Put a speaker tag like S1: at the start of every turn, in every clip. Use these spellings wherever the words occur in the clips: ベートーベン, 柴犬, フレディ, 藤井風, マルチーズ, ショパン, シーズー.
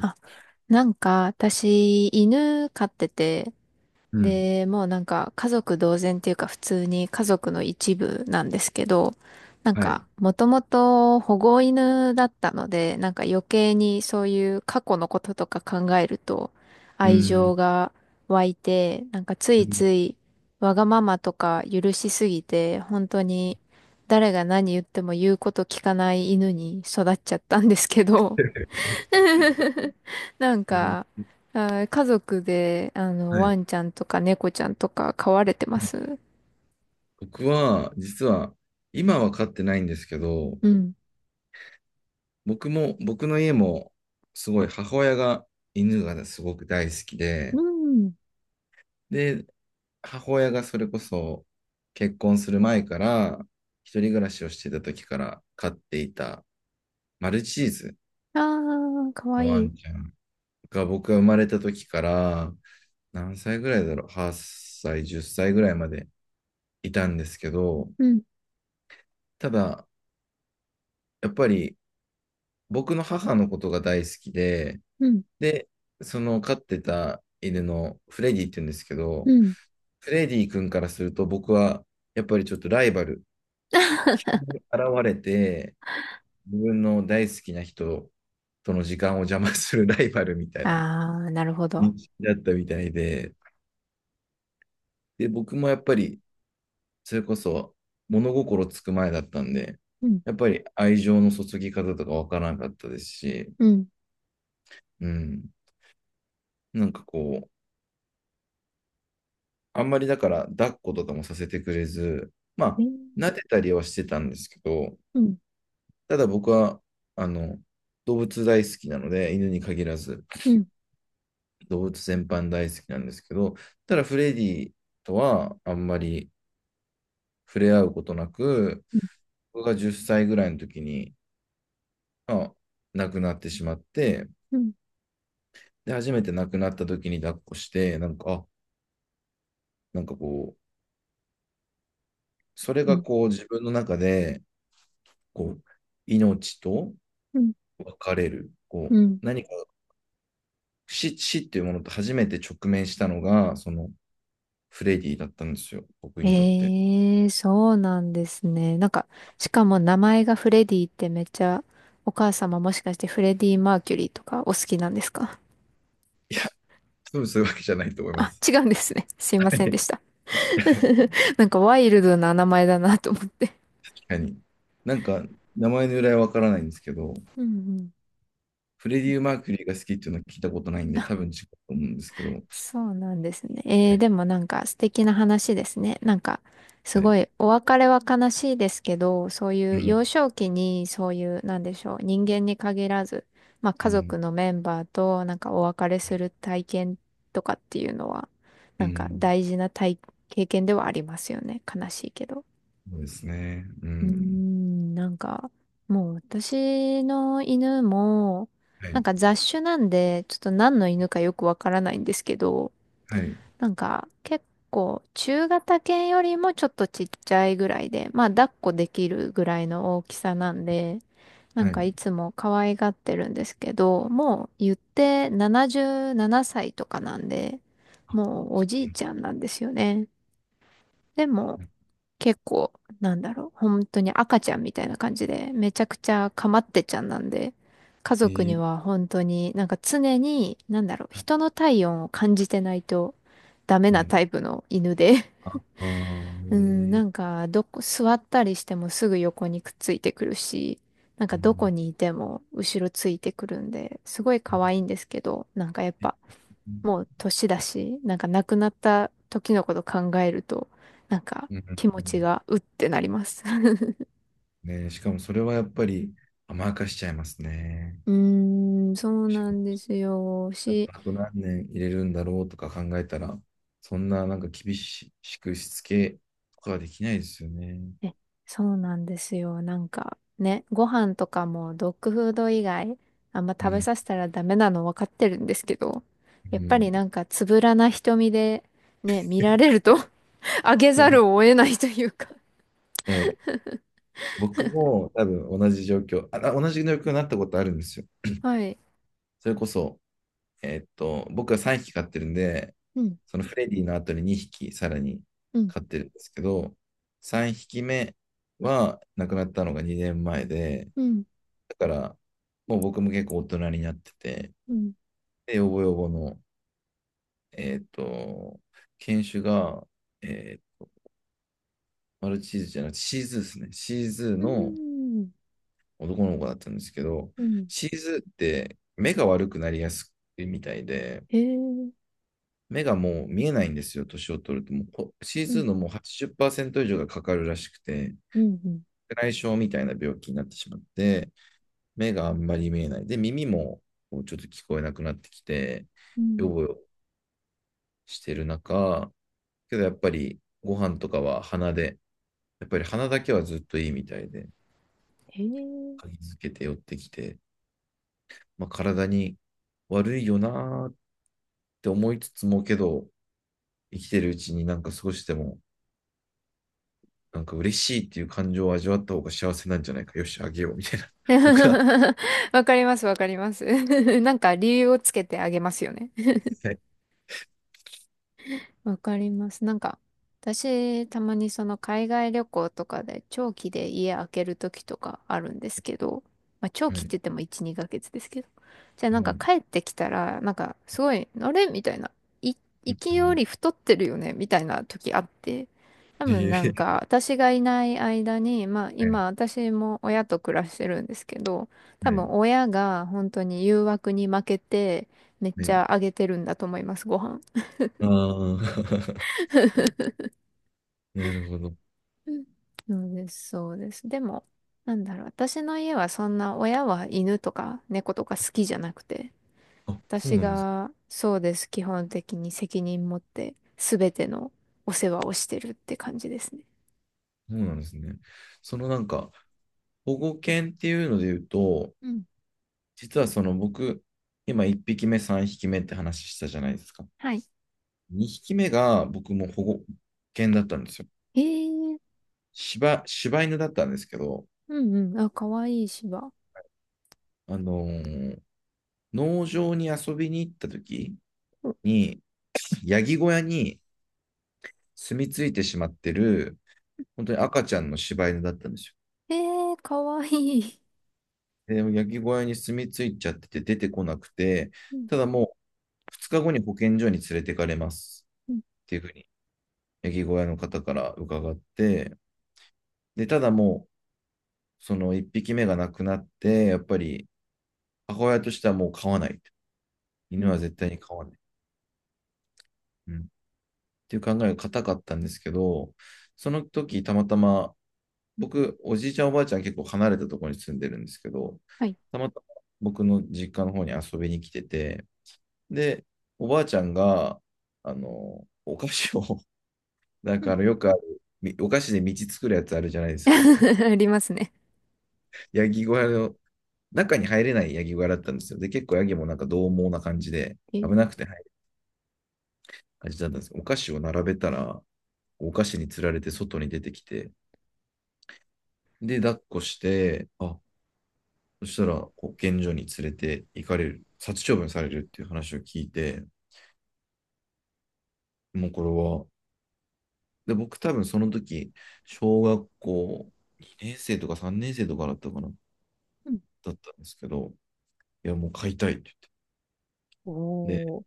S1: あ、なんか私、犬飼ってて、
S2: うん。
S1: で、もうなんか家族同然っていうか普通に家族の一部なんですけど、なん
S2: はい。
S1: かもともと保護犬だったので、なんか余計にそういう過去のこととか考えると
S2: う
S1: 愛情
S2: ん。
S1: が湧いて、なんかつ
S2: う
S1: い
S2: ん。
S1: ついわがままとか許しすぎて、本当に誰が何言っても言うこと聞かない犬に育っちゃったんですけど。なん
S2: えー
S1: か、家族で、
S2: は
S1: ワ
S2: い。
S1: ンちゃんとか猫ちゃんとか飼われてます？
S2: 僕は、実は、今は飼ってないんですけど、
S1: うん。
S2: 僕も、僕の家も、すごい母親が犬がねすごく大好き
S1: う
S2: で、
S1: ん。
S2: で、母親がそれこそ結婚する前から、一人暮らしをしてた時から飼っていたマルチーズ
S1: ああー、かわ
S2: の
S1: い
S2: ワ
S1: い。
S2: ンちゃんが僕が生まれた時から、何歳ぐらいだろう、8歳、10歳ぐらいまでいたんですけど、
S1: うん。
S2: ただ、やっぱり僕の母のことが大好きで、
S1: うん。
S2: で、その飼ってた犬のフレディって言うんですけ
S1: う
S2: ど、
S1: ん。
S2: フレディ君からすると僕はやっぱりちょっとライバルに現れて、自分の大好きな人との時間を邪魔するライバルみたい
S1: あ
S2: な
S1: あ、なるほど。
S2: 認識だったみたいで、で、僕もやっぱりそれこそ物心つく前だったんで、
S1: うん。
S2: やっぱり愛情の注ぎ方とかわからなかったですし、
S1: うん。
S2: うん、なんかこう、あんまりだから抱っことかもさせてくれず、まあ、
S1: ね。
S2: 撫でたりはしてたんですけど、
S1: うん。
S2: ただ僕は、あの、動物大好きなので、犬に限らず、
S1: うん。
S2: 動物全般大好きなんですけど、ただフレディとはあんまり触れ合うことなく、
S1: うん。
S2: 僕が10歳ぐらいの時に、まあ、亡くなってしまって、
S1: うん。
S2: で、初めて亡くなった時に抱っこして、なんか、あ、なんかこう、それ
S1: う
S2: が
S1: ん。
S2: こう自分の中で、こう、命と
S1: うん。
S2: 分かれる。こ
S1: う
S2: う、
S1: ん。
S2: 何か死っていうものと初めて直面したのが、そのフレディだったんですよ、僕にとって。
S1: ええ、そうなんですね。なんか、しかも名前がフレディってめっちゃ、お母様もしかしてフレディ・マーキュリーとかお好きなんですか？
S2: いや、多分そういうわけじゃないと思いま
S1: あ、
S2: す。
S1: 違うんですね。すい
S2: は
S1: ませんで
S2: い。
S1: した。なんかワイルドな名前だなと思って。
S2: 確かに。なんか、名前の由来はわからないんですけど、
S1: うん、うん。
S2: フレディ・マーキュリーが好きっていうのは聞いたことないんで、多分違うと思うんですけど、は
S1: そうなんですね。え
S2: い。
S1: ー、でもなんか素敵な話ですね。なんかす
S2: は
S1: ご
S2: い。
S1: いお別れは悲しいですけど、そうい
S2: う
S1: う
S2: ん、
S1: 幼少期にそういうなんでしょう、人間に限らず、まあ
S2: う
S1: 家
S2: ん、
S1: 族のメンバーとなんかお別れする体験とかっていうのは、
S2: う
S1: なんか
S2: ん。
S1: 大事な経験ではありますよね。悲しいけど。
S2: そうですね。う
S1: うー
S2: ん。
S1: ん、なんか、もう私の犬も、
S2: は
S1: なん
S2: い、
S1: か雑種なんで、ちょっと何の犬かよくわからないんですけど、
S2: はい、
S1: なんか結構中型犬よりもちょっとちっちゃいぐらいで、まあ抱っこできるぐらいの大きさなんで、な
S2: は
S1: んか
S2: い。
S1: いつも可愛がってるんですけど、もう言って77歳とかなんで、
S2: あ、
S1: もうお
S2: そ
S1: じい
S2: う
S1: ちゃんなんですよね。でも、
S2: なんだ。
S1: 結構、なんだろう、本当に赤ちゃんみたいな感じで、めちゃくちゃかまってちゃんなんで、家
S2: え
S1: 族に
S2: ー、
S1: は本当になんか常に、なんだろう、
S2: はい、
S1: 人の体温を感じてないとダメ
S2: は
S1: なタ
S2: い。
S1: イプの犬で。
S2: あ、あ
S1: うん、
S2: ー、え
S1: な
S2: ー、
S1: んか、どこ、座ったりしてもすぐ横にくっついてくるし、なんかどこ
S2: あ
S1: にいても後ろついてくるんで、すごい可愛い
S2: ー、
S1: んですけど、なんかやっ
S2: う
S1: ぱ、
S2: ん
S1: もう年だし、なんか亡くなった時のこと考えると、なんか
S2: う
S1: 気持ち
S2: ん
S1: がうってなります。
S2: うんね、しかもそれはやっぱり甘やかしちゃいますね。
S1: うーん、そうなんですよ。
S2: なんかあと何年入れるんだろうとか考えたら、そんななんか厳しくしつけとかはできないですよね。
S1: え、そうなんですよ。なんかね、ご飯とかもドッグフード以外あんま
S2: う
S1: 食べ
S2: ん。
S1: させたらダメなの分かってるんですけど、
S2: う
S1: やっぱり
S2: ん。
S1: なんかつぶらな瞳でね、見られると あげざるを 得ないというか。
S2: はい。僕も多分同じ状況になったことあるんですよ。
S1: はい。
S2: それこそ、僕は3匹飼ってるんで、
S1: うん、
S2: そのフレディの後に2匹さらに
S1: うん、
S2: 飼ってるんですけど、3匹目は亡くなったのが2年前で、
S1: うん、
S2: だからもう僕も結構大人になってて、
S1: うん、
S2: で、ヨボヨボの、えーっと、犬種が、えーマルチーズじゃなくてシーズーですね。シーズー
S1: う
S2: の
S1: ん、
S2: 男の子だったんですけど、
S1: うん、
S2: シーズーって目が悪くなりやすいみたいで、
S1: へえ、う
S2: 目がもう見えないんですよ、年を取ると。もうこ C2
S1: ん、
S2: のもう80%以上がかかるらしくて、
S1: うん、
S2: 内障みたいな病気になってしまって、目があんまり見えない。で、耳もうちょっと聞こえなくなってきて、
S1: う
S2: よ
S1: ん、
S2: ぼしてる中、けどやっぱりご飯とかは鼻で、やっぱり鼻だけはずっといいみたいで、
S1: へえ。
S2: 嗅ぎつけて寄ってきて、まあ、体に悪いよなーって思いつつもけど、生きてるうちになんか少しでもなんか嬉しいっていう感情を味わった方が幸せなんじゃないか。よし、あげよう、みたいな。僕は。
S1: わかります、わかります。なんか理由をつけてあげますよね。
S2: はい。
S1: わかります。なんか、私、たまにその海外旅行とかで長期で家開ける時とかあるんですけど、まあ長
S2: は
S1: 期っ
S2: い。
S1: て言っても1、2ヶ月ですけど。じゃあ
S2: は
S1: なんか
S2: い。
S1: 帰ってきたら、なんかすごい、あれみたいな。い、
S2: う
S1: 行きよ
S2: ん、
S1: り太ってるよねみたいな時あって。多
S2: い
S1: 分
S2: え
S1: な
S2: い
S1: ん
S2: え、
S1: か私がいない間に、まあ
S2: はい。
S1: 今私も親と暮らしてるんですけど、多分親が本当に誘惑に負けてめっ
S2: は
S1: ち
S2: い。
S1: ゃあげてるんだと思います、ご飯。
S2: ああー、なるほど。
S1: うん。そうです、そうです。でも、なんだろう、私の家はそんな親は犬とか猫とか好きじゃなくて、
S2: あ、そう
S1: 私
S2: なんです。
S1: がそうです、基本的に責任持って全てのお世話をしてるって感じですね。
S2: そうなんですね。そのなんか、保護犬っていうので言うと、
S1: うん。
S2: 実はその僕、今1匹目、3匹目って話したじゃないですか。
S1: はい。
S2: 2匹目が僕も保護犬だったんですよ。
S1: えー、
S2: 柴犬だったんですけど、
S1: うん、うん、あ、かわいい芝。
S2: あのー農場に遊びに行った時
S1: うん。
S2: に、ヤギ小屋に住み着いてしまってる、本当に赤ちゃんの柴犬だったんですよ。
S1: えー、かわいい。
S2: で、ヤギ小屋に住み着いちゃってて出てこなくて、
S1: うん。
S2: ただもう2日後に保健所に連れてかれます
S1: うん。
S2: っていうふうに、ヤギ小屋の方から伺って、で、ただもう、その1匹目が亡くなって、やっぱり母親としてはもう飼わない。
S1: う
S2: 犬は
S1: ん。
S2: 絶対に飼わない。うん、っていう考えが固かったんですけど、その時たまたま僕、おじいちゃん、おばあちゃん結構離れたところに住んでるんですけど、
S1: はい。
S2: たまたま僕の実家の方に遊びに来てて、で、おばあちゃんが、お菓子を、だ
S1: うん。
S2: からよくある、お菓子で道作るやつあるじゃないですか。
S1: ありますね。
S2: ヤギ小屋の、中に入れないヤギ小屋だったんですよ。で、結構ヤギもなんか獰猛な感じで、
S1: え
S2: 危な
S1: ー、
S2: くて入る感じだったんですけど、お菓子を並べたら、お菓子に釣られて外に出てきて、で、抱っこして、あ、そしたら、保健所に連れて行かれる、殺処分されるっていう話を聞いて、もうこれはで、僕多分その時、小学校2年生とか3年生とかだったかな、だ
S1: うん、
S2: ったんですけど、いや、もう買いたいって言って。
S1: お
S2: で、
S1: ー、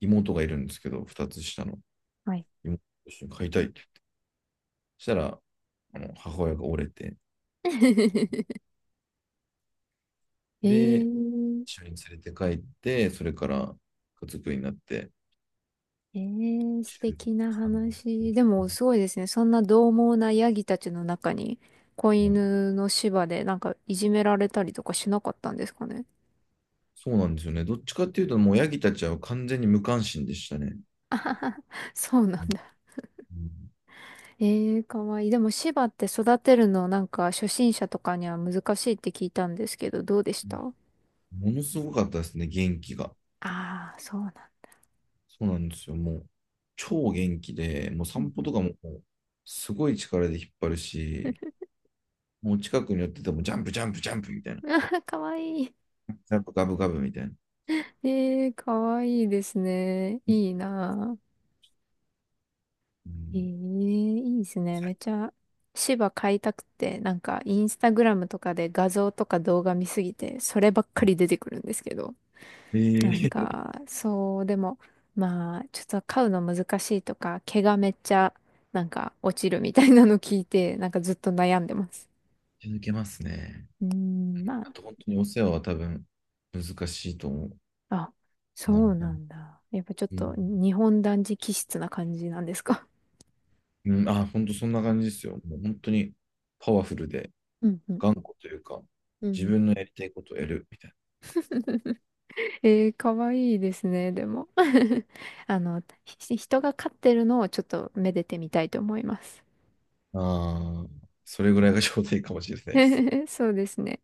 S2: 妹がいるんですけど、2つ下の
S1: はい。
S2: 妹と一緒に買いたいって。そしたら、あの母親が折れて、
S1: え
S2: で、
S1: ー、
S2: 一緒に連れて帰って、それから家族になって、
S1: えー、素敵な
S2: 13うさんね
S1: 話。でも、すごいですね。そんな獰猛なヤギたちの中に、子
S2: ん、
S1: 犬の芝でなんかいじめられたりとかしなかったんですかね。
S2: そうなんですよね。どっちかっていうと、もうヤギたちは完全に無関心でしたね。
S1: そうなん
S2: うん、
S1: だ。えー、かわいい。でも、芝って育てるのなんか初心者とかには難しいって聞いたんですけど、どうでした？
S2: ものすごかったですね、元気が。
S1: ああー、そうなんだ。
S2: そうなんですよ。もう、超元気で、もう
S1: うん。
S2: 散歩とかも、もうすごい力で引っ張るし、もう近くに寄ってても、ジャンプ、ジャンプ、ジャンプみたいな。
S1: あー、かわいい。
S2: ジャンプ、ガブガブみたいな。
S1: えー、かわいいですね。いいなあ。
S2: う
S1: ええ、
S2: ん。
S1: いいですね。めっちゃ、芝買いたくて、なんか、インスタグラムとかで画像とか動画見すぎて、そればっかり出てくるんですけど。
S2: え
S1: なん
S2: ー、
S1: か、そう、でも、まあ、ちょっと飼うの難しいとか、毛がめっちゃ、なんか、落ちるみたいなの聞いて、なんかずっと悩んでます。
S2: 続けますね。
S1: うーん、まあ、
S2: あと、本当にお世話は多分、難しいと思
S1: あ、
S2: う。な
S1: そ
S2: の
S1: う
S2: かな。
S1: なんだ。やっぱちょっ
S2: うん。
S1: と、日本男児気質な感じなんですか？
S2: うん、あ、本当そんな感じですよ。もう本当に、パワフルで、
S1: うん、うん、
S2: 頑固というか、
S1: う
S2: 自
S1: ん。
S2: 分のやりたいことをやるみたい
S1: えー、かわいいですね、でも。人が飼ってるのをちょっとめでてみたいと思います。
S2: な。ああ、それぐらいが ちょうどいいかもしれないです。
S1: そうですね。